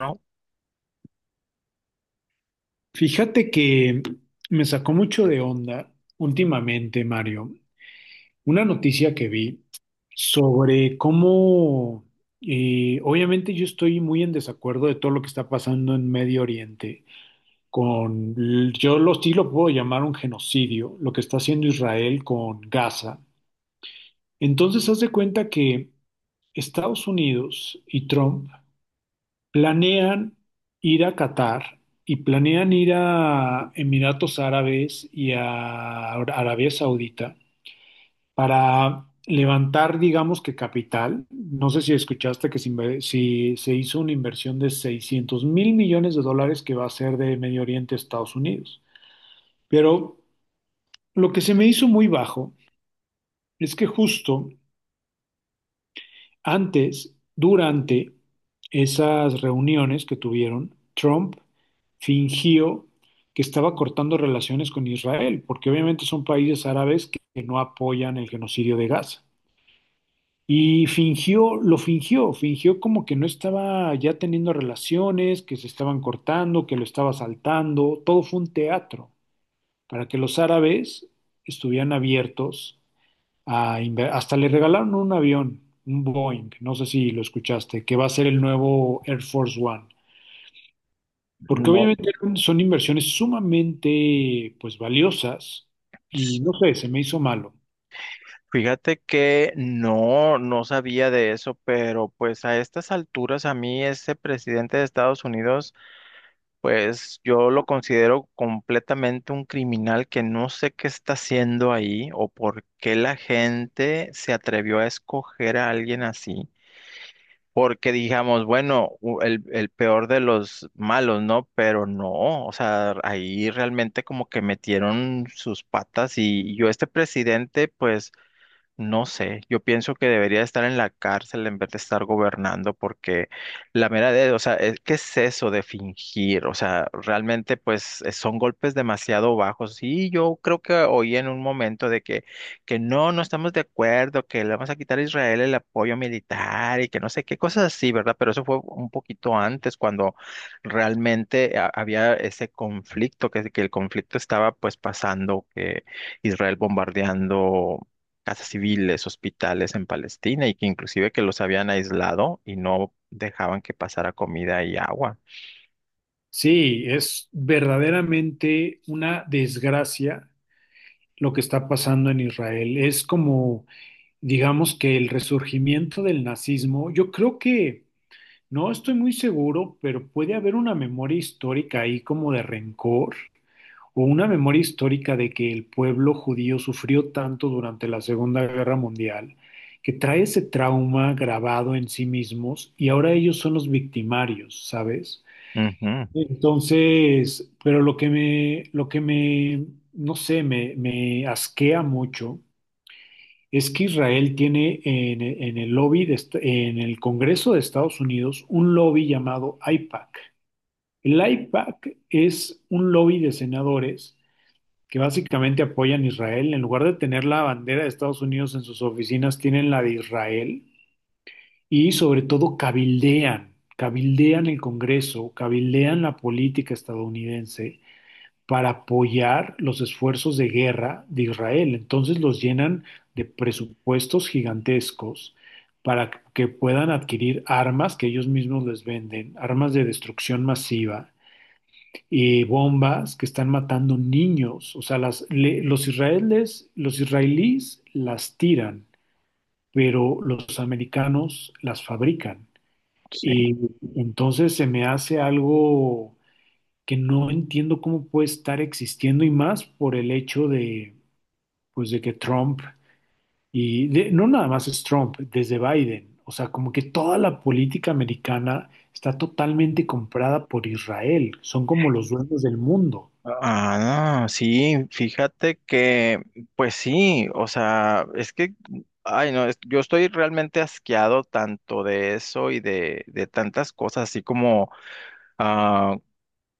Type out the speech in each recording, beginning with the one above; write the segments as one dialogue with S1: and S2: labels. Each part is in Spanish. S1: No,
S2: Fíjate que me sacó mucho de onda últimamente, Mario, una noticia que vi sobre cómo, obviamente yo estoy muy en desacuerdo de todo lo que está pasando en Medio Oriente, con, sí lo puedo llamar un genocidio, lo que está haciendo Israel con Gaza. Entonces, haz de cuenta que Estados Unidos y Trump planean ir a Qatar y planean ir a Emiratos Árabes y a Arabia Saudita para levantar, digamos que capital. No sé si escuchaste que si se hizo una inversión de 600,000 millones de dólares que va a ser de Medio Oriente a Estados Unidos. Pero lo que se me hizo muy bajo es que justo antes, durante esas reuniones que tuvieron, Trump fingió que estaba cortando relaciones con Israel, porque obviamente son países árabes que no apoyan el genocidio de Gaza. Y fingió, lo fingió, fingió como que no estaba ya teniendo relaciones, que se estaban cortando, que lo estaba saltando, todo fue un teatro, para que los árabes estuvieran abiertos hasta le regalaron un avión, un Boeing, no sé si lo escuchaste, que va a ser el nuevo Air Force One, porque
S1: no,
S2: obviamente son inversiones sumamente pues valiosas y no
S1: sí.
S2: sé, se me hizo malo.
S1: Fíjate que no, no sabía de eso, pero pues a estas alturas a mí ese presidente de Estados Unidos, pues yo lo considero completamente un criminal que no sé qué está haciendo ahí o por qué la gente se atrevió a escoger a alguien así. Porque digamos, bueno, el peor de los malos, ¿no? Pero no, o sea, ahí realmente como que metieron sus patas y yo este presidente, pues... No sé, yo pienso que debería estar en la cárcel en vez de estar gobernando, porque la mera de, o sea, es- ¿qué es eso de fingir? O sea, realmente pues son golpes demasiado bajos. Y yo creo que oí en un momento de que no, no estamos de acuerdo, que le vamos a quitar a Israel el apoyo militar y que no sé qué cosas así, ¿verdad? Pero eso fue un poquito antes, cuando realmente había ese conflicto, que el conflicto estaba pues pasando, que Israel bombardeando casas civiles, hospitales en Palestina y que inclusive que los habían aislado y no dejaban que pasara comida y agua.
S2: Sí, es verdaderamente una desgracia lo que está pasando en Israel. Es como, digamos que el resurgimiento del nazismo, yo creo que, no estoy muy seguro, pero puede haber una memoria histórica ahí como de rencor o una memoria histórica de que el pueblo judío sufrió tanto durante la Segunda Guerra Mundial, que trae ese trauma grabado en sí mismos y ahora ellos son los victimarios, ¿sabes?
S1: Ujú,
S2: Entonces, pero no sé, me asquea mucho es que Israel tiene en el lobby, en el Congreso de Estados Unidos, un lobby llamado AIPAC. El AIPAC es un lobby de senadores que básicamente apoyan a Israel. En lugar de tener la bandera de Estados Unidos en sus oficinas, tienen la de Israel y sobre todo cabildean, cabildean el Congreso, cabildean la política estadounidense para apoyar los esfuerzos de guerra de Israel. Entonces los llenan de presupuestos gigantescos para que puedan adquirir armas que ellos mismos les venden, armas de destrucción masiva, bombas que están matando niños. O sea, los israelíes las tiran, pero los americanos las fabrican.
S1: sí.
S2: Y entonces se me hace algo que no entiendo cómo puede estar existiendo y más por el hecho de, pues, de que Trump no nada más es Trump, desde Biden. O sea, como que toda la política americana está totalmente comprada por Israel. Son como los dueños del mundo.
S1: Ah, no, sí, fíjate que, pues sí, o sea, es que, ay, no, es- yo estoy realmente asqueado tanto de eso y de tantas cosas, así como ah,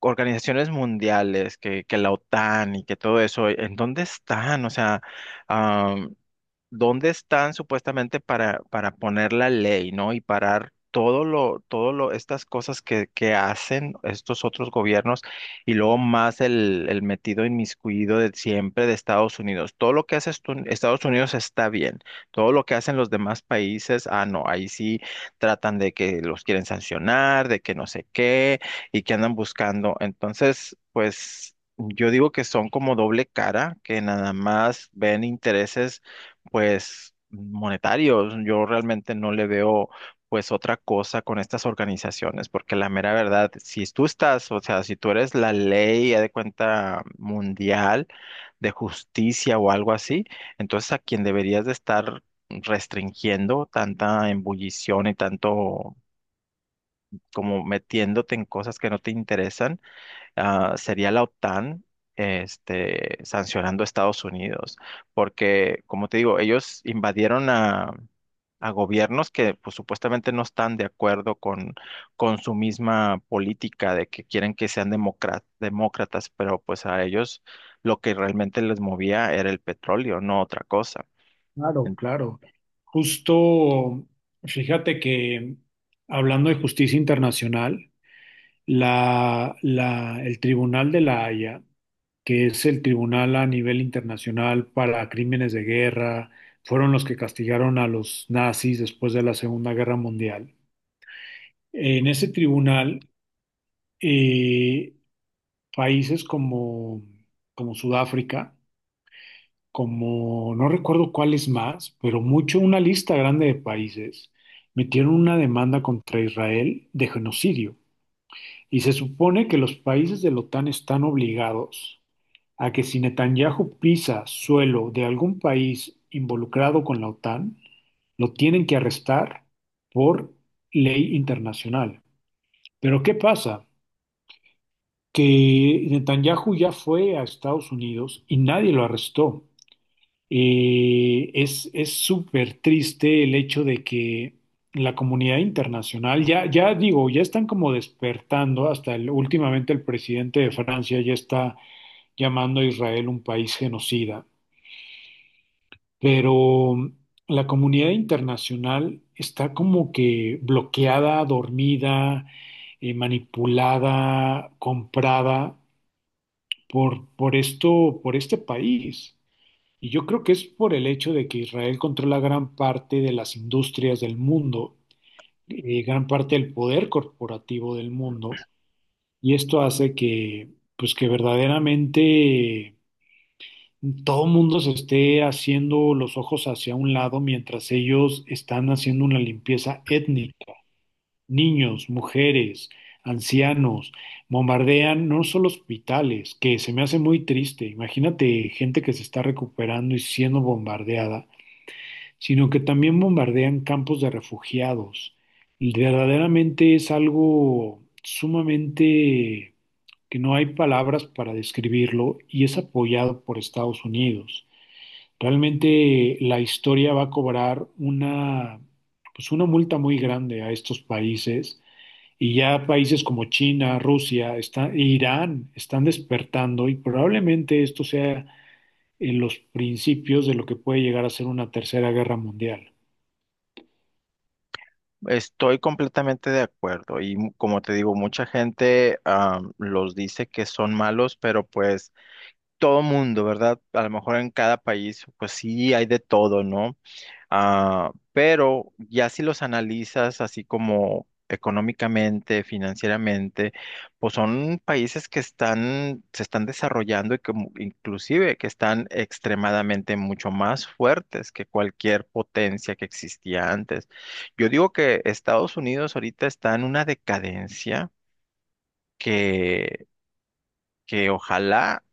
S1: organizaciones mundiales, que la OTAN y que todo eso, ¿en dónde están? O sea, dónde están supuestamente para poner la ley, ¿no? Y parar todo lo, estas cosas que hacen estos otros gobiernos y luego más el metido inmiscuido de siempre de Estados Unidos. Todo lo que hace Estados Unidos está bien. Todo lo que hacen los demás países, ah, no, ahí sí tratan de que los quieren sancionar, de que no sé qué y que andan buscando. Entonces, pues... Yo digo que son como doble cara, que nada más ven intereses pues monetarios. Yo realmente no le veo pues otra cosa con estas organizaciones, porque la mera verdad, si tú estás, o sea, si tú eres la ley, haz de cuenta, mundial de justicia o algo así, entonces a quien deberías de estar restringiendo tanta embullición y tanto como metiéndote en cosas que no te interesan sería la OTAN este, sancionando a Estados Unidos, porque, como te digo, ellos invadieron a gobiernos que pues, supuestamente no están de acuerdo con su misma política de que quieren que sean demócratas, pero pues a ellos lo que realmente les movía era el petróleo, no otra cosa.
S2: Claro,
S1: En-
S2: claro. Justo, fíjate que hablando de justicia internacional, el Tribunal de la Haya, que es el tribunal a nivel internacional para crímenes de guerra, fueron los que castigaron a los nazis después de la Segunda Guerra Mundial. En ese tribunal, eh, países como, como Sudáfrica, como no recuerdo cuáles más, pero mucho una lista grande de países metieron una demanda contra Israel de genocidio. Y se supone que los países de la OTAN están obligados a que si Netanyahu pisa suelo de algún país involucrado con la OTAN, lo tienen que arrestar por ley internacional. Pero ¿qué pasa? Que Netanyahu ya fue a Estados Unidos y nadie lo arrestó. Es súper triste el hecho de que la comunidad internacional, ya, ya digo, ya están como despertando, hasta últimamente el presidente de Francia ya está llamando a Israel un país genocida, pero la comunidad internacional está como que bloqueada, dormida, manipulada, comprada por esto, por este país. Y yo creo que es por el hecho de que Israel controla gran parte de las industrias del mundo, gran parte del poder corporativo del mundo, y esto hace que, pues que verdaderamente todo mundo se esté haciendo los ojos hacia un lado mientras ellos están haciendo una limpieza étnica. Niños, mujeres, ancianos, bombardean no solo hospitales, que se me hace muy triste. Imagínate gente que se está recuperando y siendo bombardeada, sino que también bombardean campos de refugiados. Y verdaderamente es algo sumamente que no hay palabras para describirlo y es apoyado por Estados Unidos. Realmente la historia va a cobrar una, pues una multa muy grande a estos países y ya países como China, Rusia, e Irán están despertando y probablemente esto sea en los principios de lo que puede llegar a ser una tercera guerra mundial.
S1: Estoy completamente de acuerdo y como te digo, mucha gente los dice que son malos, pero pues todo mundo, ¿verdad? A lo mejor en cada país, pues sí hay de todo, ¿no? Ah, pero ya si los analizas así como económicamente, financieramente, pues son países que están, se están desarrollando y que inclusive que están extremadamente mucho más fuertes que cualquier potencia que existía antes. Yo digo que Estados Unidos ahorita está en una decadencia. Que que ojalá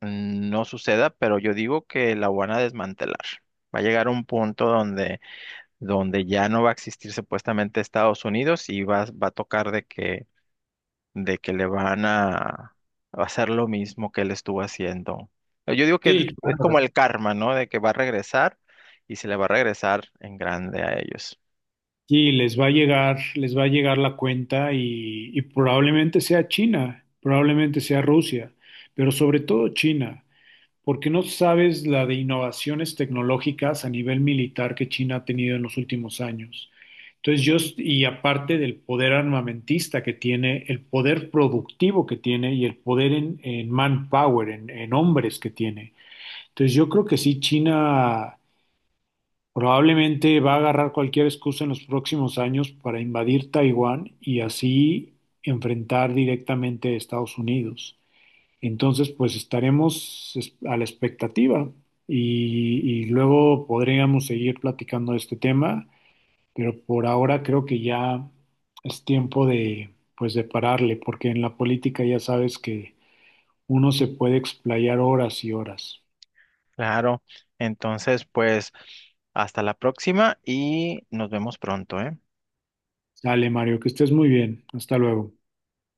S1: no suceda, pero yo digo que la van a desmantelar. Va a llegar un punto donde, donde ya no va a existir supuestamente Estados Unidos y va, va a tocar de que le van a hacer lo mismo que él estuvo haciendo. Yo digo que
S2: Sí,
S1: es como
S2: claro.
S1: el karma, ¿no? De que va a regresar y se le va a regresar en grande a ellos.
S2: Sí, les va a llegar, les va a llegar la cuenta y probablemente sea China, probablemente sea Rusia, pero sobre todo China, porque no sabes la de innovaciones tecnológicas a nivel militar que China ha tenido en los últimos años. Y aparte del poder armamentista que tiene, el poder productivo que tiene y el poder en manpower, en hombres que tiene. Entonces yo creo que sí, China. Probablemente va a agarrar cualquier excusa en los próximos años para invadir Taiwán y así enfrentar directamente a Estados Unidos. Entonces, pues a la expectativa y luego podríamos seguir platicando de este tema, pero por ahora creo que ya es tiempo de, pues, de pararle, porque en la política ya sabes que uno se puede explayar horas y horas.
S1: Claro. Entonces, pues, hasta la próxima y nos vemos pronto, ¿eh?
S2: Dale, Mario, que estés muy bien. Hasta luego.